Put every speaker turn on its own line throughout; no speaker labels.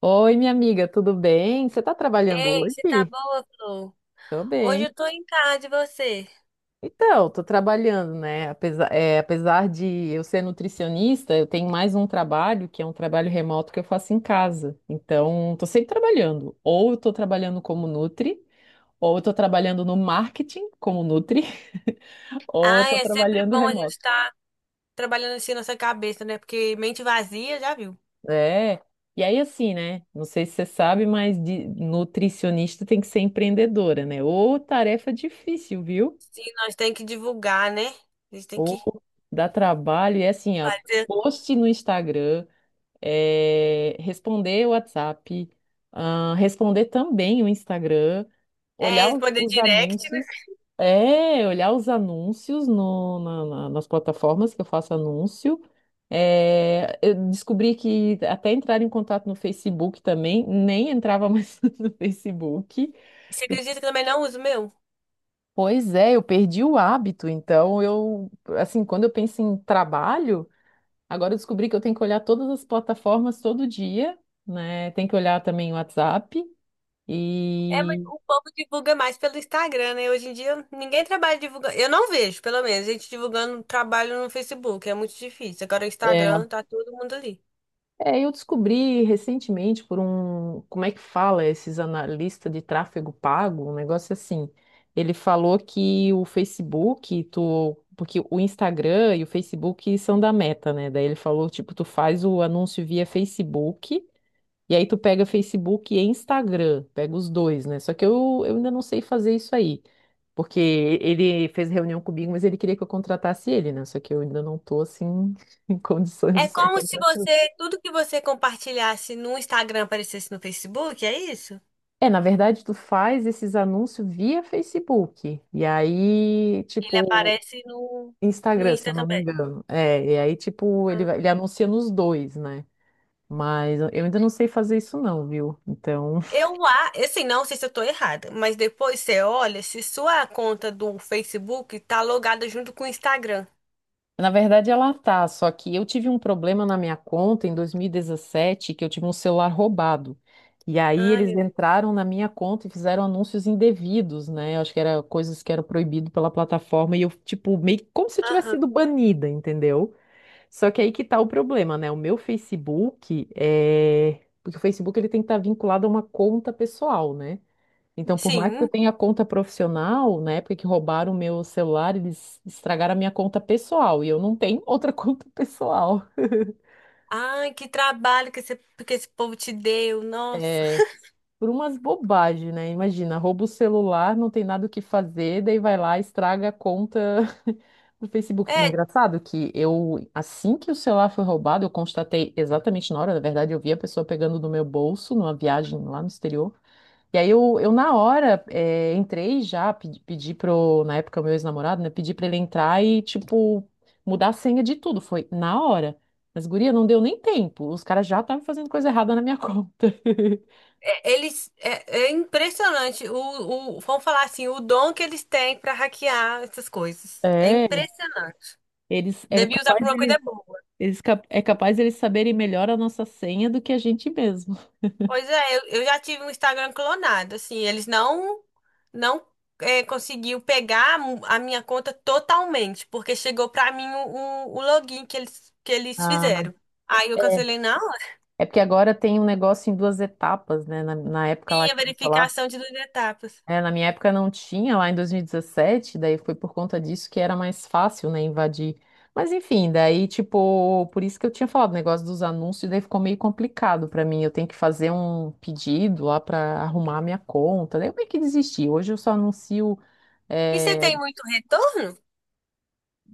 Oi, minha amiga, tudo bem? Você está trabalhando
Ei, você tá
hoje?
boa, Flor?
Tô
Hoje
bem.
eu tô em casa de você?
Então, tô trabalhando, né? Apesar, apesar de eu ser nutricionista, eu tenho mais um trabalho, que é um trabalho remoto que eu faço em casa. Então, tô sempre trabalhando. Ou eu tô trabalhando como Nutri, ou eu tô trabalhando no marketing como Nutri, ou eu
Ai,
tô
é sempre
trabalhando
bom a gente
remoto.
estar trabalhando assim nossa cabeça, né? Porque mente vazia, já viu?
É. E aí, assim, né? Não sei se você sabe, mas de nutricionista tem que ser empreendedora, né? Ô, tarefa difícil, viu?
Sim, nós tem que divulgar, né? A gente tem que
Ou dá trabalho, e é assim, ó,
fazer,
post no Instagram, responder o WhatsApp, ah, responder também o Instagram, olhar
responder
os
direct, né?
anúncios, é, olhar os anúncios no, na- na- nas plataformas que eu faço anúncio. Eu descobri que até entrar em contato no Facebook também, nem entrava mais no Facebook.
Você
E,
acredita que eu também não uso o meu?
pois é, eu perdi o hábito, então eu, assim, quando eu penso em trabalho. Agora eu descobri que eu tenho que olhar todas as plataformas todo dia, né? Tem que olhar também o WhatsApp.
É, mas
E
o povo divulga mais pelo Instagram, né? Hoje em dia ninguém trabalha divulgando. Eu não vejo, pelo menos, gente divulgando trabalho no Facebook. É muito difícil. Agora o
é,
Instagram tá todo mundo ali.
eu descobri recentemente por um, como é que fala esses analistas de tráfego pago, um negócio assim. Ele falou que o Facebook, tu, porque o Instagram e o Facebook são da Meta, né? Daí ele falou, tipo, tu faz o anúncio via Facebook. E aí tu pega Facebook e Instagram, pega os dois, né? Só que eu ainda não sei fazer isso aí. Porque ele fez reunião comigo, mas ele queria que eu contratasse ele, né? Só que eu ainda não tô assim em condições
É
de sair
como se
contratando.
você, tudo que você compartilhasse no Instagram aparecesse no Facebook, é isso?
É, na verdade, tu faz esses anúncios via Facebook. E aí,
Ele
tipo,
aparece no
Instagram, se
Insta
eu não me
também.
engano. É, e aí, tipo, ele,
Ah.
ele anuncia nos dois, né? Mas eu ainda não sei fazer isso, não, viu? Então,
Eu, assim, não sei se eu tô errada, mas depois você olha se sua conta do Facebook tá logada junto com o Instagram.
na verdade, ela tá, só que eu tive um problema na minha conta em 2017, que eu tive um celular roubado. E aí
Ai,
eles
meu Deus.
entraram na minha conta e fizeram anúncios indevidos, né? Eu acho que era coisas que eram proibido pela plataforma e eu, tipo, meio que como se eu tivesse sido
Aham.
banida, entendeu? Só que aí que tá o problema, né? O meu Facebook é... Porque o Facebook ele tem que estar vinculado a uma conta pessoal, né? Então, por mais que eu
Sim.
tenha conta profissional, na época que roubaram o meu celular, eles estragaram a minha conta pessoal e eu não tenho outra conta pessoal.
Ai, que trabalho que esse povo te deu, nossa.
É, por umas bobagens, né? Imagina, rouba o celular, não tem nada o que fazer, daí vai lá, estraga a conta do Facebook.
É,
Engraçado que eu, assim que o celular foi roubado, eu constatei exatamente na hora, na verdade, eu vi a pessoa pegando do meu bolso numa viagem lá no exterior. E aí eu, na hora entrei já, pedi pro, na época, meu ex-namorado, né? Pedi pra ele entrar e, tipo, mudar a senha de tudo. Foi na hora. Mas, guria, não deu nem tempo. Os caras já estavam fazendo coisa errada na minha conta.
é, eles, é impressionante vamos falar assim, o dom que eles têm pra hackear essas coisas. É
É,
impressionante.
eles é
Devia usar
capaz
pra uma
deles,
coisa boa.
é capaz deles saberem melhor a nossa senha do que a gente mesmo.
Pois é, eu já tive um Instagram clonado, assim, eles não conseguiu pegar a minha conta totalmente, porque chegou pra mim o, o login que eles
Ah,
fizeram. Aí eu
é.
cancelei na hora.
É porque agora tem um negócio em duas etapas, né? Na época lá
Sim, a
que lançou.
verificação de duas etapas.
É, na minha época não tinha, lá em 2017, daí foi por conta disso que era mais fácil, né, invadir. Mas enfim, daí, tipo, por isso que eu tinha falado o negócio dos anúncios, daí ficou meio complicado pra mim. Eu tenho que fazer um pedido lá pra arrumar a minha conta. Daí eu meio que desisti. Hoje eu só anuncio.
E você
eh,
tem muito retorno?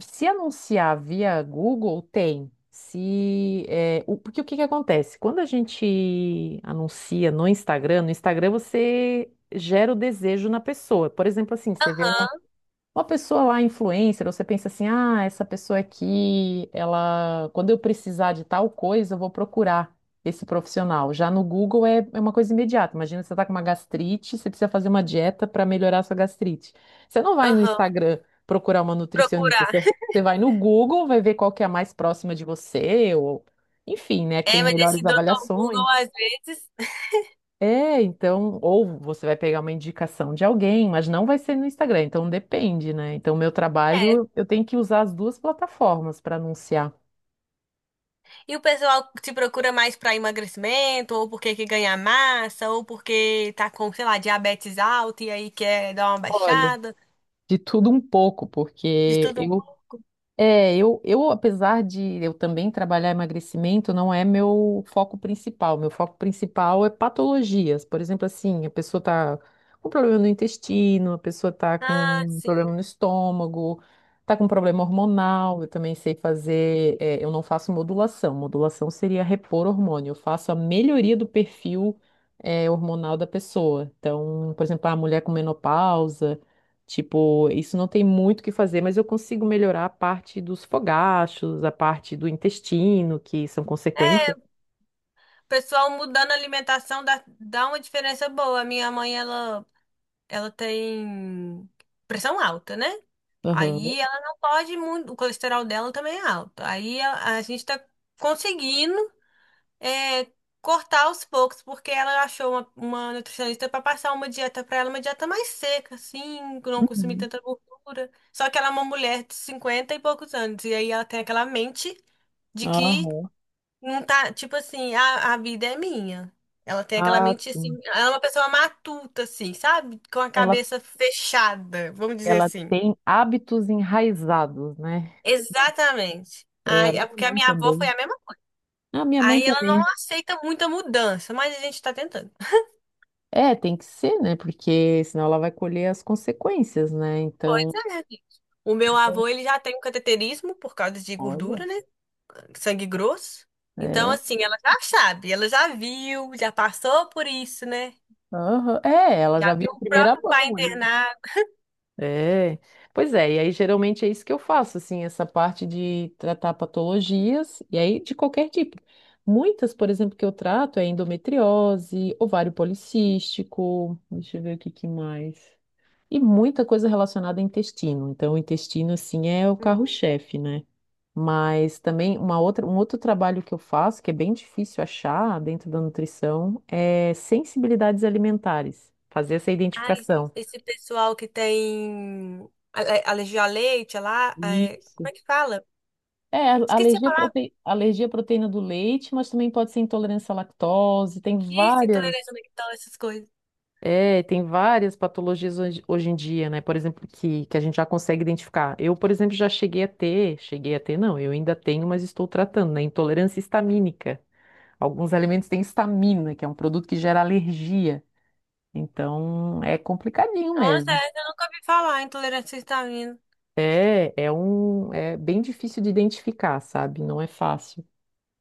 Se anunciar via Google, tem. Se, porque o que que acontece? Quando a gente anuncia no Instagram, no Instagram você gera o desejo na pessoa. Por exemplo, assim, você vê
Aham.
uma pessoa lá, influencer, você pensa assim, ah, essa pessoa aqui, ela, quando eu precisar de tal coisa, eu vou procurar esse profissional. Já no Google é uma coisa imediata. Imagina você está com uma gastrite, você precisa fazer uma dieta para melhorar a sua gastrite. Você não vai no
Aham.
Instagram procurar uma nutricionista,
Procurar.
você vai no Google, vai ver qual que é a mais próxima de você, ou enfim, né, que
É,
tem
mas
melhores
esse doutor
avaliações.
Google às vezes.
É, então, ou você vai pegar uma indicação de alguém, mas não vai ser no Instagram, então depende, né? Então, meu
é,
trabalho, eu tenho que usar as duas plataformas para anunciar.
E o pessoal te procura mais para emagrecimento, ou porque quer ganhar massa, ou porque tá com, sei lá, diabetes alta e aí quer dar uma
Olha,
baixada,
de tudo um pouco,
de
porque
tudo um
eu
pouco.
é, apesar de eu também trabalhar emagrecimento, não é meu foco principal. Meu foco principal é patologias. Por exemplo, assim, a pessoa tá com problema no intestino, a pessoa tá
Ah,
com problema
sim.
no estômago, tá com problema hormonal. Eu também sei fazer, é, eu não faço modulação. Modulação seria repor hormônio. Eu faço a melhoria do perfil, é, hormonal da pessoa. Então, por exemplo, a mulher com menopausa. Tipo, isso não tem muito o que fazer, mas eu consigo melhorar a parte dos fogachos, a parte do intestino, que são
É,
consequências.
o pessoal mudando a alimentação dá uma diferença boa. A minha mãe, ela tem pressão alta, né?
Aham.
Aí ela não pode muito, o colesterol dela também é alto. Aí a gente tá conseguindo é, cortar aos poucos, porque ela achou uma nutricionista para passar uma dieta para ela, uma dieta mais seca, assim, que não consumir
Uhum.
tanta gordura. Só que ela é uma mulher de 50 e poucos anos, e aí ela tem aquela mente de que
Aham.
não tá, tipo assim, a vida é minha. Ela tem aquela
Ah,
mente assim,
sim.
ela é uma pessoa matuta, assim, sabe? Com a
Ela,
cabeça fechada, vamos dizer
ela
assim.
tem hábitos enraizados, né?
Exatamente.
É, a
Ai, é
minha
porque a
mãe
minha avó foi
também.
a mesma.
A minha mãe
Aí ela
também.
não aceita muita mudança, mas a gente tá tentando.
É, tem que ser, né? Porque senão ela vai colher as consequências, né?
Pois
Então,
é, gente. O meu avô, ele já tem um cateterismo por causa de
olha,
gordura, né? Sangue grosso. Então,
é,
assim, ela já sabe, ela já viu, já passou por isso, né?
aham. É, ela
Já
já viu
viu
em
o
primeira
próprio pai
mão.
internado.
É, pois é, e aí geralmente é isso que eu faço, assim, essa parte de tratar patologias, e aí de qualquer tipo. Muitas, por exemplo, que eu trato é endometriose, ovário policístico, deixa eu ver o que que mais. E muita coisa relacionada ao intestino. Então, o intestino, assim, é o
Uhum.
carro-chefe, né? Mas também um outro trabalho que eu faço, que é bem difícil achar dentro da nutrição, é sensibilidades alimentares, fazer essa
Ai,
identificação.
esse pessoal que tem alergia a leite, lá, como
Isso.
é que fala?
É,
Esqueci a
alergia
palavra.
alergia à proteína do leite, mas também pode ser intolerância à lactose, tem
Isso,
várias,
intolerância à lactose, essas coisas.
é, tem várias patologias hoje em dia, né? Por exemplo, que a gente já consegue identificar. Eu, por exemplo, já cheguei a ter, não, eu ainda tenho, mas estou tratando, né? Intolerância histamínica. Alguns alimentos têm histamina, que é um produto que gera alergia. Então, é complicadinho
Nossa,
mesmo.
essa eu nunca ouvi falar, intolerância à histamina.
É, é bem difícil de identificar, sabe? Não é fácil.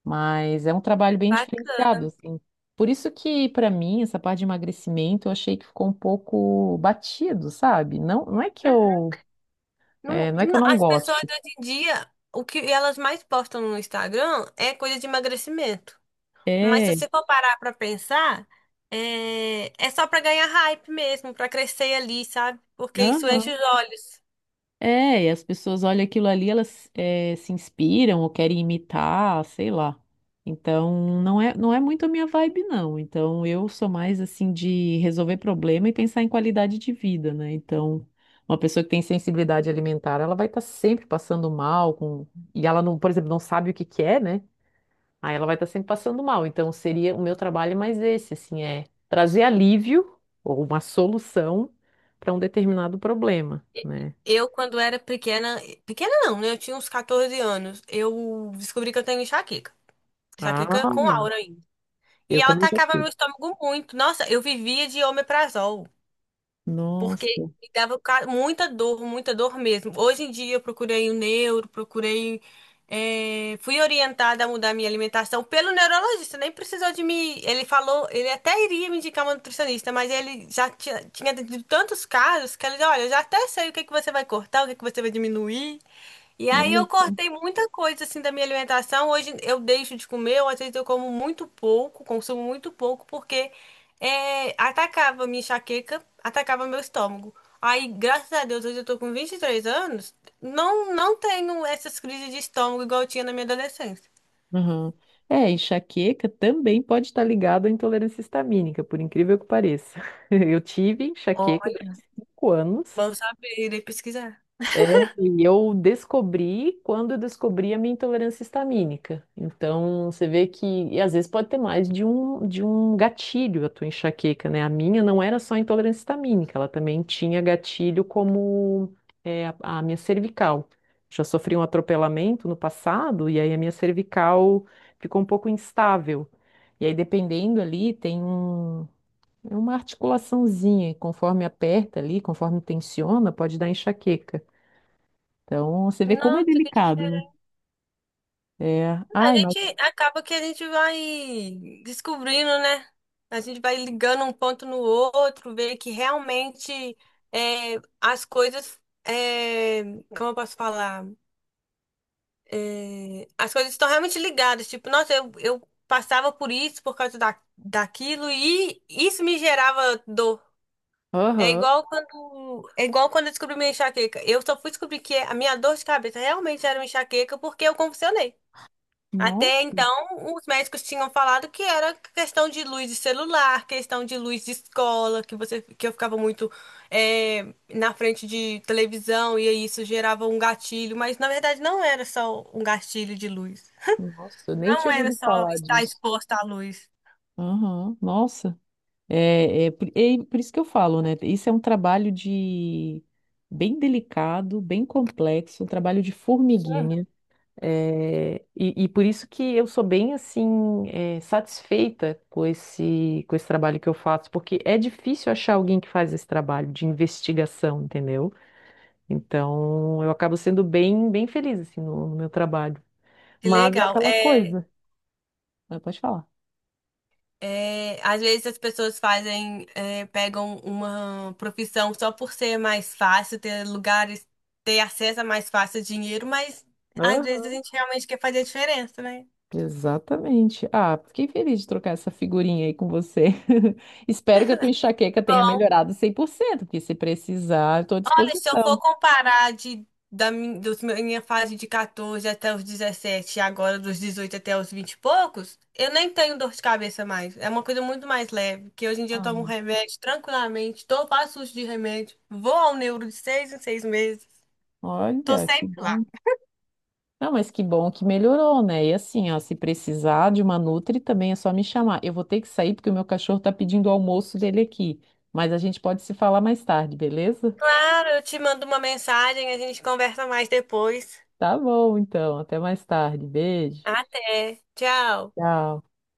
Mas é um trabalho bem diferenciado,
Bacana.
assim. Por isso que, para mim, essa parte de emagrecimento, eu achei que ficou um pouco batido, sabe? Não, não é que eu, é,
Não,
não é que eu
não,
não
as pessoas
goste.
hoje em dia, o que elas mais postam no Instagram é coisa de emagrecimento. Mas se
É,
você for parar pra pensar, é só pra ganhar hype mesmo, pra crescer ali, sabe? Porque isso enche
aham.
os olhos.
É, e as pessoas olham aquilo ali, elas se inspiram ou querem imitar, sei lá. Então, não é muito a minha vibe, não. Então, eu sou mais assim de resolver problema e pensar em qualidade de vida, né? Então, uma pessoa que tem sensibilidade alimentar, ela vai estar sempre passando mal com... e ela não, por exemplo, não sabe o que que é, né? Aí ela vai estar sempre passando mal. Então, seria o meu trabalho é mais esse, assim, é trazer alívio ou uma solução para um determinado problema, né?
Eu, quando era pequena, pequena não, né? Eu tinha uns 14 anos. Eu descobri que eu tenho enxaqueca. Enxaqueca com
Ah,
aura ainda. E
eu
ela
também
atacava
gostei.
meu estômago muito. Nossa, eu vivia de omeprazol. Porque
Nossa,
me dava muita dor mesmo. Hoje em dia eu procurei o neuro, procurei. Fui orientada a mudar minha alimentação pelo neurologista, nem precisou de me. Ele falou, ele até iria me indicar uma nutricionista, mas ele já tinha tido tantos casos que ele disse: Olha, eu já até sei o que que você vai cortar, o que que você vai diminuir. E aí
olha
eu
só.
cortei muita coisa assim da minha alimentação. Hoje eu deixo de comer, ou às vezes eu como muito pouco, consumo muito pouco, porque. É, atacava minha enxaqueca, atacava meu estômago. Aí, graças a Deus, hoje eu tô com 23 anos, não, não tenho essas crises de estômago igual eu tinha na minha adolescência.
Aham. É, enxaqueca também pode estar ligado à intolerância histamínica, por incrível que pareça. Eu tive enxaqueca durante
Olha,
5 anos.
bom saber, irei pesquisar.
É, e eu descobri quando eu descobri a minha intolerância histamínica. Então, você vê que, e às vezes pode ter mais de de um gatilho a tua enxaqueca, né? A minha não era só intolerância histamínica, ela também tinha gatilho como é, a minha cervical. Já sofri um atropelamento no passado e aí a minha cervical ficou um pouco instável. E aí, dependendo ali, é uma articulaçãozinha, e conforme aperta ali, conforme tensiona, pode dar enxaqueca. Então, você vê como é
Nossa, que
delicado, né?
diferença.
É.
A
Ai, mas.
gente acaba que a gente vai descobrindo, né? A gente vai ligando um ponto no outro, ver que realmente as coisas, é, como eu posso falar? É, as coisas estão realmente ligadas. Tipo, nossa, eu passava por isso por causa daquilo e isso me gerava dor. É
Aham.
igual quando, é igual quando eu descobri minha enxaqueca. Eu só fui descobrir que a minha dor de cabeça realmente era uma enxaqueca porque eu convulsionei. Até
Nossa,
então, os médicos tinham falado que era questão de luz de celular, questão de luz de escola, que eu ficava muito na frente de televisão e aí isso gerava um gatilho, mas na verdade não era só um gatilho de luz.
nossa, eu nem
Não
tinha
era
ouvido
só
falar
estar
disso.
exposta à luz.
Aham, nossa. É por isso que eu falo, né? Isso é um trabalho de bem delicado, bem complexo, um trabalho de formiguinha. É, e por isso que eu sou bem assim, é, satisfeita com com esse trabalho que eu faço, porque é difícil achar alguém que faz esse trabalho de investigação, entendeu? Então, eu acabo sendo bem feliz assim no meu trabalho.
Que
Mas é
legal.
aquela
É,
coisa. Ah, pode falar.
é, às vezes as pessoas pegam uma profissão só por ser mais fácil, ter lugares, ter acesso a mais fácil dinheiro, mas às vezes a
Aham.
gente realmente quer fazer a diferença, né?
Exatamente. Ah, fiquei feliz de trocar essa figurinha aí com você. Espero que a tua
Que
enxaqueca tenha
bom.
melhorado 100%. Porque se precisar, estou à
Se eu for
disposição.
comparar de, da min- dos meu- minha fase de 14 até os 17 e agora dos 18 até os 20 e poucos, eu nem tenho dor de cabeça mais. É uma coisa muito mais leve, que hoje em dia eu
Ah,
tomo remédio tranquilamente, faço uso de remédio, vou ao neuro de 6 em 6 meses, tô
olha, que
sempre lá.
bom. Não, mas que bom que melhorou, né? E assim, ó, se precisar de uma nutri também é só me chamar. Eu vou ter que sair porque o meu cachorro tá pedindo o almoço dele aqui. Mas a gente pode se falar mais tarde, beleza?
Claro, eu te mando uma mensagem, a gente conversa mais depois.
Tá bom, então. Até mais tarde. Beijo.
Até, tchau.
Tchau.